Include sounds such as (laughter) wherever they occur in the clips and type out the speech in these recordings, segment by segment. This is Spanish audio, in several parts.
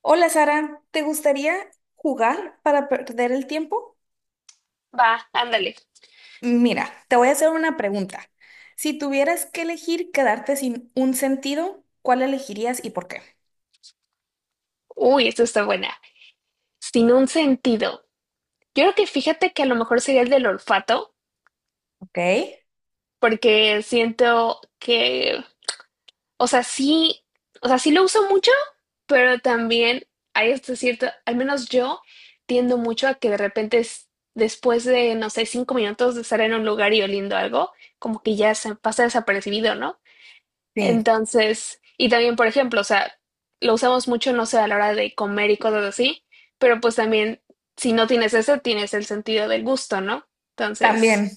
Hola Sara, ¿te gustaría jugar para perder el tiempo? Va, ándale. Mira, te voy a hacer una pregunta. Si tuvieras que elegir quedarte sin un sentido, ¿cuál elegirías y por qué? Uy, esto está buena. Sin un sentido. Yo creo que fíjate que a lo mejor sería el del olfato, Ok, porque siento que, o sea, sí, o sea, sí lo uso mucho, pero también hay este cierto, al menos yo tiendo mucho a que de repente después de, no sé, 5 minutos de estar en un lugar y oliendo algo, como que ya se pasa desapercibido, ¿no? sí, Entonces, y también, por ejemplo, o sea, lo usamos mucho, no sé, a la hora de comer y cosas así, pero pues también, si no tienes ese, tienes el sentido del gusto, ¿no? Entonces, también.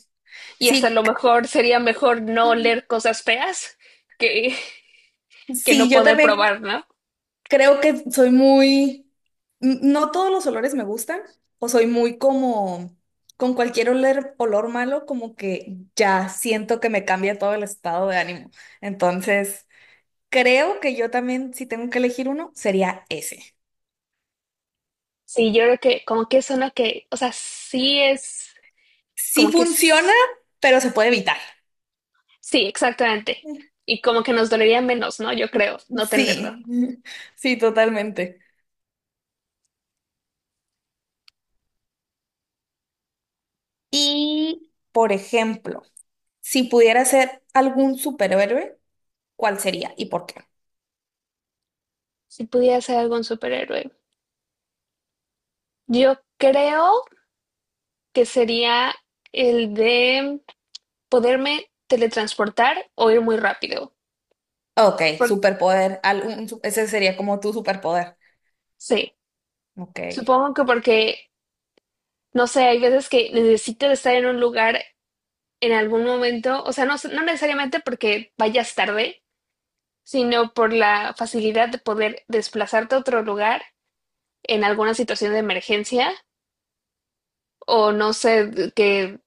y hasta a Sí, lo mejor sería mejor no oler cosas feas que, (laughs) que sí, no yo poder también probar, ¿no? creo que soy muy... No todos los olores me gustan, o soy muy como... Con cualquier olor, olor malo, como que ya siento que me cambia todo el estado de ánimo. Entonces... Creo que yo también, si tengo que elegir uno, sería ese. Sí, yo creo que como que es una que, o sea, sí es, Sí como que funciona, es, pero se puede evitar. sí, exactamente. Y como que nos dolería menos, ¿no? Yo creo, no tenerlo. Sí, (laughs) sí, totalmente. Y, por ejemplo, si pudiera ser algún superhéroe, ¿cuál sería y por qué? Si pudiera ser algún superhéroe. Yo creo que sería el de poderme teletransportar o ir muy rápido. Ok, Por- superpoder, ese sería como tu superpoder. sí, Ok, supongo que porque, no sé, hay veces que necesito estar en un lugar en algún momento, o sea, no, no necesariamente porque vayas tarde, sino por la facilidad de poder desplazarte a otro lugar en alguna situación de emergencia o no sé, que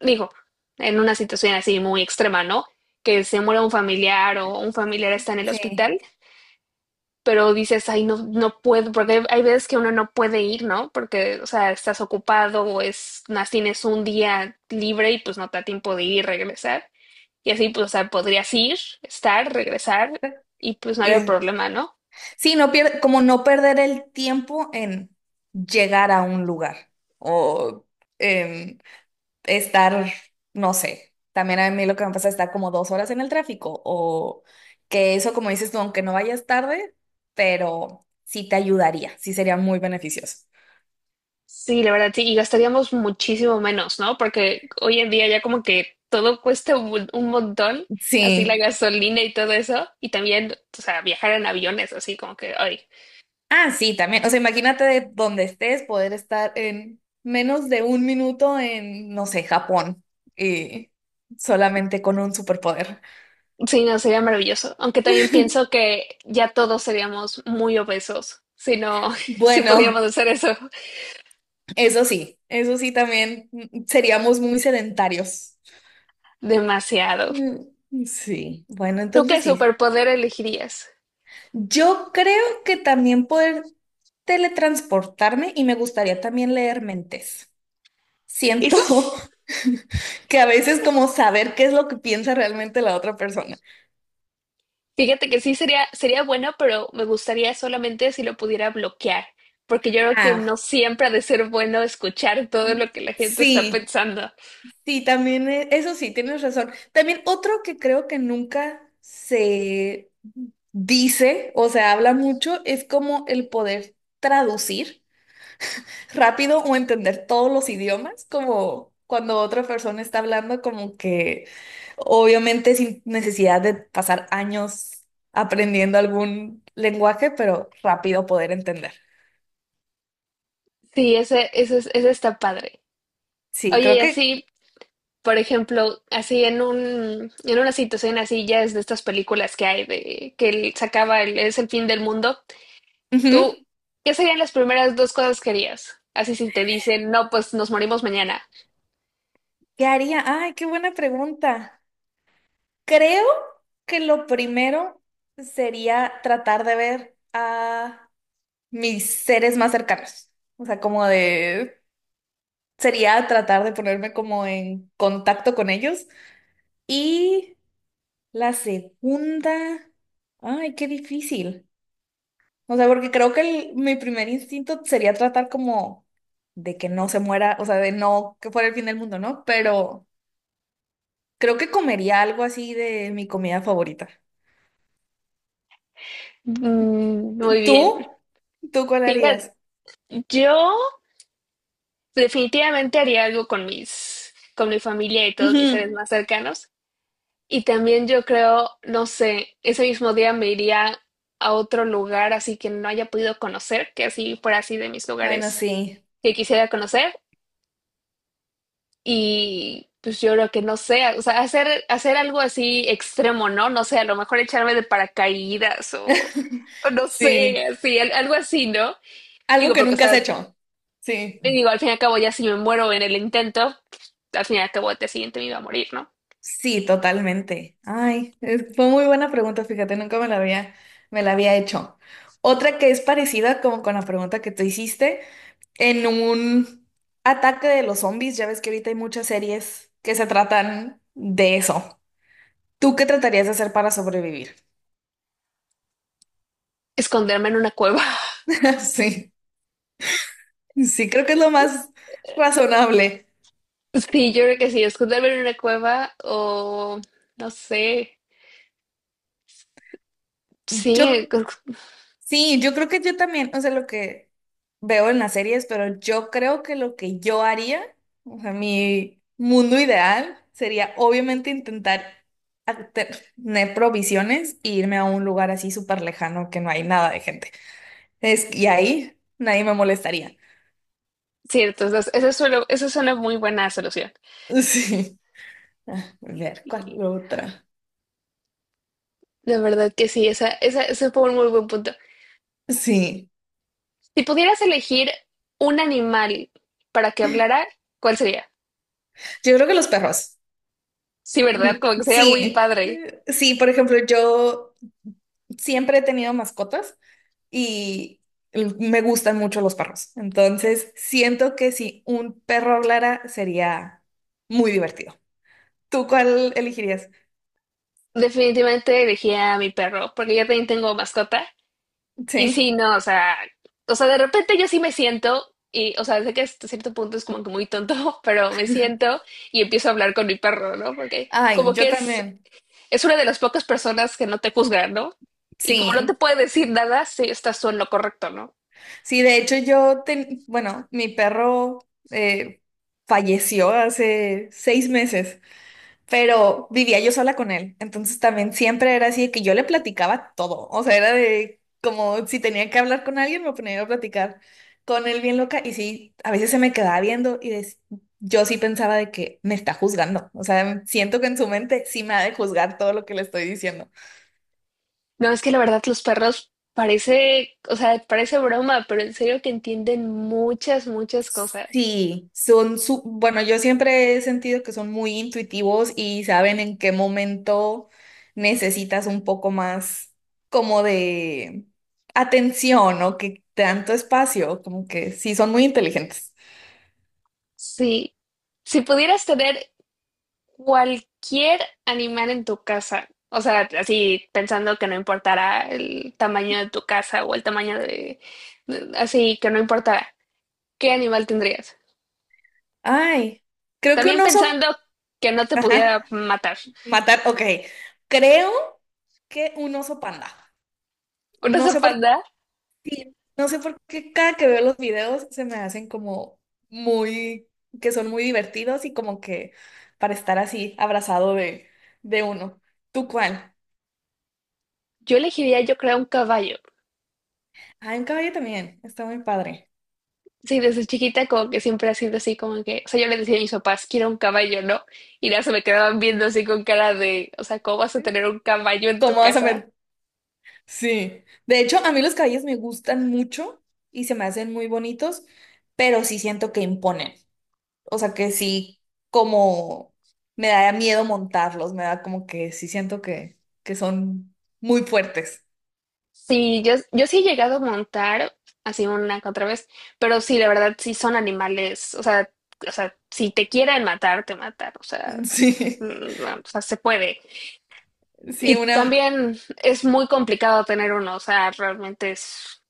digo, en una situación así muy extrema, ¿no? Que se muera un familiar o un familiar está en el sí. hospital pero dices, ay, no, no puedo, porque hay veces que uno no puede ir, ¿no? Porque, o sea, estás ocupado o es, más tienes un día libre y pues no te da tiempo de ir y regresar. Y así, pues, o sea, podrías ir, estar, regresar y pues no había Y, problema, ¿no? sí, como no perder el tiempo en llegar a un lugar o en estar, no sé, también a mí lo que me pasa es estar como 2 horas en el tráfico o que eso, como dices tú, aunque no vayas tarde, pero sí te ayudaría, sí sería muy beneficioso. Sí, la verdad, sí, y gastaríamos muchísimo menos, ¿no? Porque hoy en día ya como que todo cuesta un montón, así la Sí. gasolina y todo eso, y también, o sea, viajar en aviones, así como que, ay, Ah, sí, también. O sea, imagínate de donde estés poder estar en menos de un minuto en, no sé, Japón y solamente con un superpoder. sí, no, sería maravilloso. Aunque también pienso (laughs) que ya todos seríamos muy obesos si no, (laughs) si pudiéramos Bueno, hacer eso eso sí también seríamos muy sedentarios. demasiado. Mm, Sí, bueno, ¿Tú qué entonces sí. superpoder elegirías? Yo creo que también poder teletransportarme y me gustaría también leer mentes. Siento Eso s- (laughs) que a veces como saber qué es lo que piensa realmente la otra persona. Fíjate que sí sería, sería bueno, pero me gustaría solamente si lo pudiera bloquear, porque yo creo que no Ah, siempre ha de ser bueno escuchar todo lo que la gente está sí, pensando. sí, también, eso sí, tienes razón. También otro que creo que nunca se dice o se habla mucho es como el poder traducir rápido o entender todos los idiomas, como cuando otra persona está hablando, como que obviamente sin necesidad de pasar años aprendiendo algún lenguaje, pero rápido poder entender. Sí, ese está padre. Sí, Oye, creo y que... así por ejemplo, así en un, en una situación así, ya es de estas películas que hay de que es el fin del mundo, Ujú. tú, ¿qué serían las primeras dos cosas que harías? Así si te dicen, no, pues nos morimos mañana. ¿Qué haría? Ay, qué buena pregunta. Creo que lo primero sería tratar de ver a mis seres más cercanos. O sea, como de... Sería tratar de ponerme como en contacto con ellos. Y la segunda, ay, qué difícil. O sea, porque creo que mi primer instinto sería tratar como de que no se muera, o sea, de no que fuera el fin del mundo, ¿no? Pero creo que comería algo así de mi comida favorita. Mm, muy bien. ¿Tú? ¿Tú cuál Fíjate, harías? yo definitivamente haría algo con mis, con mi familia y todos mis seres Ujú. más cercanos. Y también yo creo, no sé, ese mismo día me iría a otro lugar así que no haya podido conocer, que así fuera así de mis Bueno, lugares sí. que quisiera conocer y pues yo creo que no sé, o sea, hacer algo así extremo, ¿no? No sé, a lo mejor echarme de paracaídas (laughs) o no sé, Sí. así, algo así, ¿no? Algo Digo, que porque, o nunca has sea, hecho. Sí. digo, al fin y al cabo ya si me muero en el intento, al fin y al cabo el día siguiente me iba a morir, ¿no? Sí, totalmente. Ay, fue muy buena pregunta, fíjate, nunca me la había, me la había hecho. Otra que es parecida como con la pregunta que tú hiciste, en un ataque de los zombies, ya ves que ahorita hay muchas series que se tratan de eso. ¿Tú qué tratarías de hacer para sobrevivir? Esconderme en una cueva. (laughs) (laughs) Sí, sí, creo que es lo más razonable. Sí, yo creo que sí, esconderme en una cueva o no sé. Sí, Yo (laughs) Sí, yo creo que yo también, o sea, lo que veo en las series, pero yo creo que lo que yo haría, o sea, mi mundo ideal sería obviamente intentar tener provisiones e irme a un lugar así súper lejano que no hay nada de gente. Es, y ahí nadie me molestaría. (laughs) cierto, entonces, eso suena muy buena solución. Sí. Ah, a ver, ¿cuál otra? De verdad que sí, esa, ese fue un muy buen punto. Sí. Si pudieras elegir un animal para que hablara, ¿cuál sería? Yo creo que los perros. Sí, Mm, ¿verdad? Como que sería muy Sí. padre. Sí, por ejemplo, yo siempre he tenido mascotas y me gustan mucho los perros. Entonces, siento que si un perro hablara sería muy divertido. ¿Tú cuál elegirías? Definitivamente elegiría a mi perro, porque yo también tengo mascota. Y Sí. sí, no, o sea, de repente yo sí me siento, y, o sea, sé que hasta cierto punto es como que muy tonto, (laughs) pero me siento y empiezo a hablar con mi perro, ¿no? Porque Ay, como yo que también. es una de las pocas personas que no te juzgan, ¿no? Y como no te Sí, puede decir nada, sí estás tú en lo correcto, ¿no? sí, de hecho yo, bueno, mi perro falleció hace 6 meses, pero vivía yo sola con él. Entonces también siempre era así de que yo le platicaba todo. O sea, era de como si tenía que hablar con alguien, me ponía yo a platicar con él bien loca. Y sí, a veces se me quedaba viendo y yo sí pensaba de que me está juzgando. O sea, siento que en su mente sí me ha de juzgar todo lo que le estoy diciendo. No, es que la verdad los perros parece, o sea, parece broma, pero en serio que entienden muchas, muchas cosas. Sí, son su, bueno, yo siempre he sentido que son muy intuitivos y saben en qué momento necesitas un poco más como de atención o que tanto espacio, como que sí, son muy inteligentes. Sí. Si pudieras tener cualquier animal en tu casa, o sea, así pensando que no importara el tamaño de tu casa o el tamaño de, así que no importara, ¿qué animal tendrías? Ay, creo que un También oso, pensando que no te pudiera ajá, matar. matar, ok, creo que un oso panda. ¿Una No sé por panda? Sí, no sé por qué cada que veo los videos se me hacen como muy, que son muy divertidos y como que para estar así abrazado de uno. ¿Tú cuál? Yo elegiría, yo creo, un caballo. Ah, un caballo también, está muy padre. Sí, desde chiquita como que siempre ha sido así, como que, o sea, yo le decía a mis papás, quiero un caballo, ¿no? Y ya se me quedaban viendo así con cara de, o sea, ¿cómo vas a ¿Sí? tener un caballo en tu ¿Cómo vas a casa? met- Sí. De hecho, a mí los caballos me gustan mucho y se me hacen muy bonitos, pero sí siento que imponen. O sea que sí, como me da miedo montarlos, me da como que sí siento que son muy fuertes. Sí, yo sí he llegado a montar así una que otra vez, pero sí, la verdad, sí son animales, o sea, si te quieren matar, te matan, o sea, (laughs) Sí. mm, no, o sea, se puede. Sí, Y una, también es muy complicado tener uno, o sea, realmente es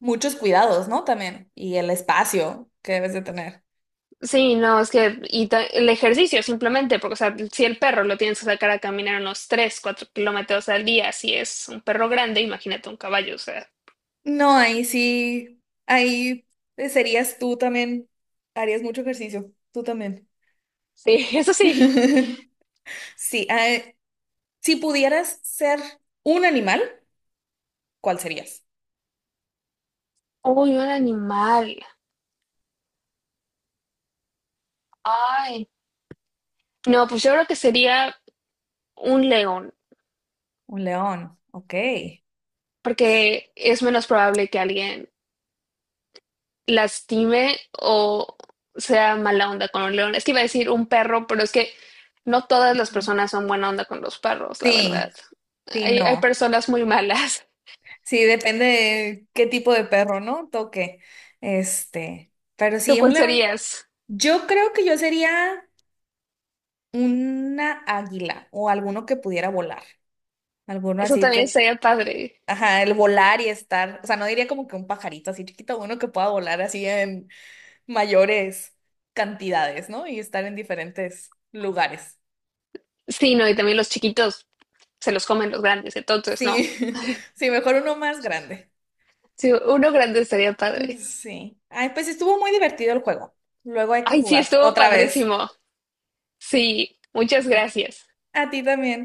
muchos cuidados, ¿no? También. Y el espacio que debes de tener. sí, no, es que y el ejercicio simplemente, porque o sea, si el perro lo tienes que sacar a caminar unos 3, 4 kilómetros al día, si es un perro grande, imagínate un caballo, o sea, No, ahí sí, ahí serías tú también, harías mucho ejercicio, tú también. sí, (laughs) eso sí. (laughs) Sí, si pudieras ser un animal, ¿cuál serías? Uy, un animal. Ay, no, pues yo creo que sería un león, Un león, ok. porque es menos probable que alguien lastime o sea mala onda con un león. Es que iba a decir un perro, pero es que no todas las Mm. personas son buena onda con los perros, la verdad. Sí, sí, Hay no. personas muy malas. Sí, depende de qué tipo de perro, ¿no? Toque. Este, pero ¿Tú sí, cuál un león. serías? Yo creo que yo sería Una águila o alguno que pudiera volar. Alguno Eso así también que, sería padre. ajá, el volar y estar, o sea, no diría como que un pajarito así chiquito, uno que pueda volar así en mayores cantidades, ¿no? Y estar en diferentes lugares. Sí, no, y también los chiquitos se los comen los grandes, entonces no. Sí, (laughs) sí, mejor uno más grande. Sí, uno grande estaría padre. Sí. Ay, pues estuvo muy divertido el juego. Luego hay que Ay, sí, jugar estuvo otra vez. padrísimo. Sí, muchas gracias. A ti también.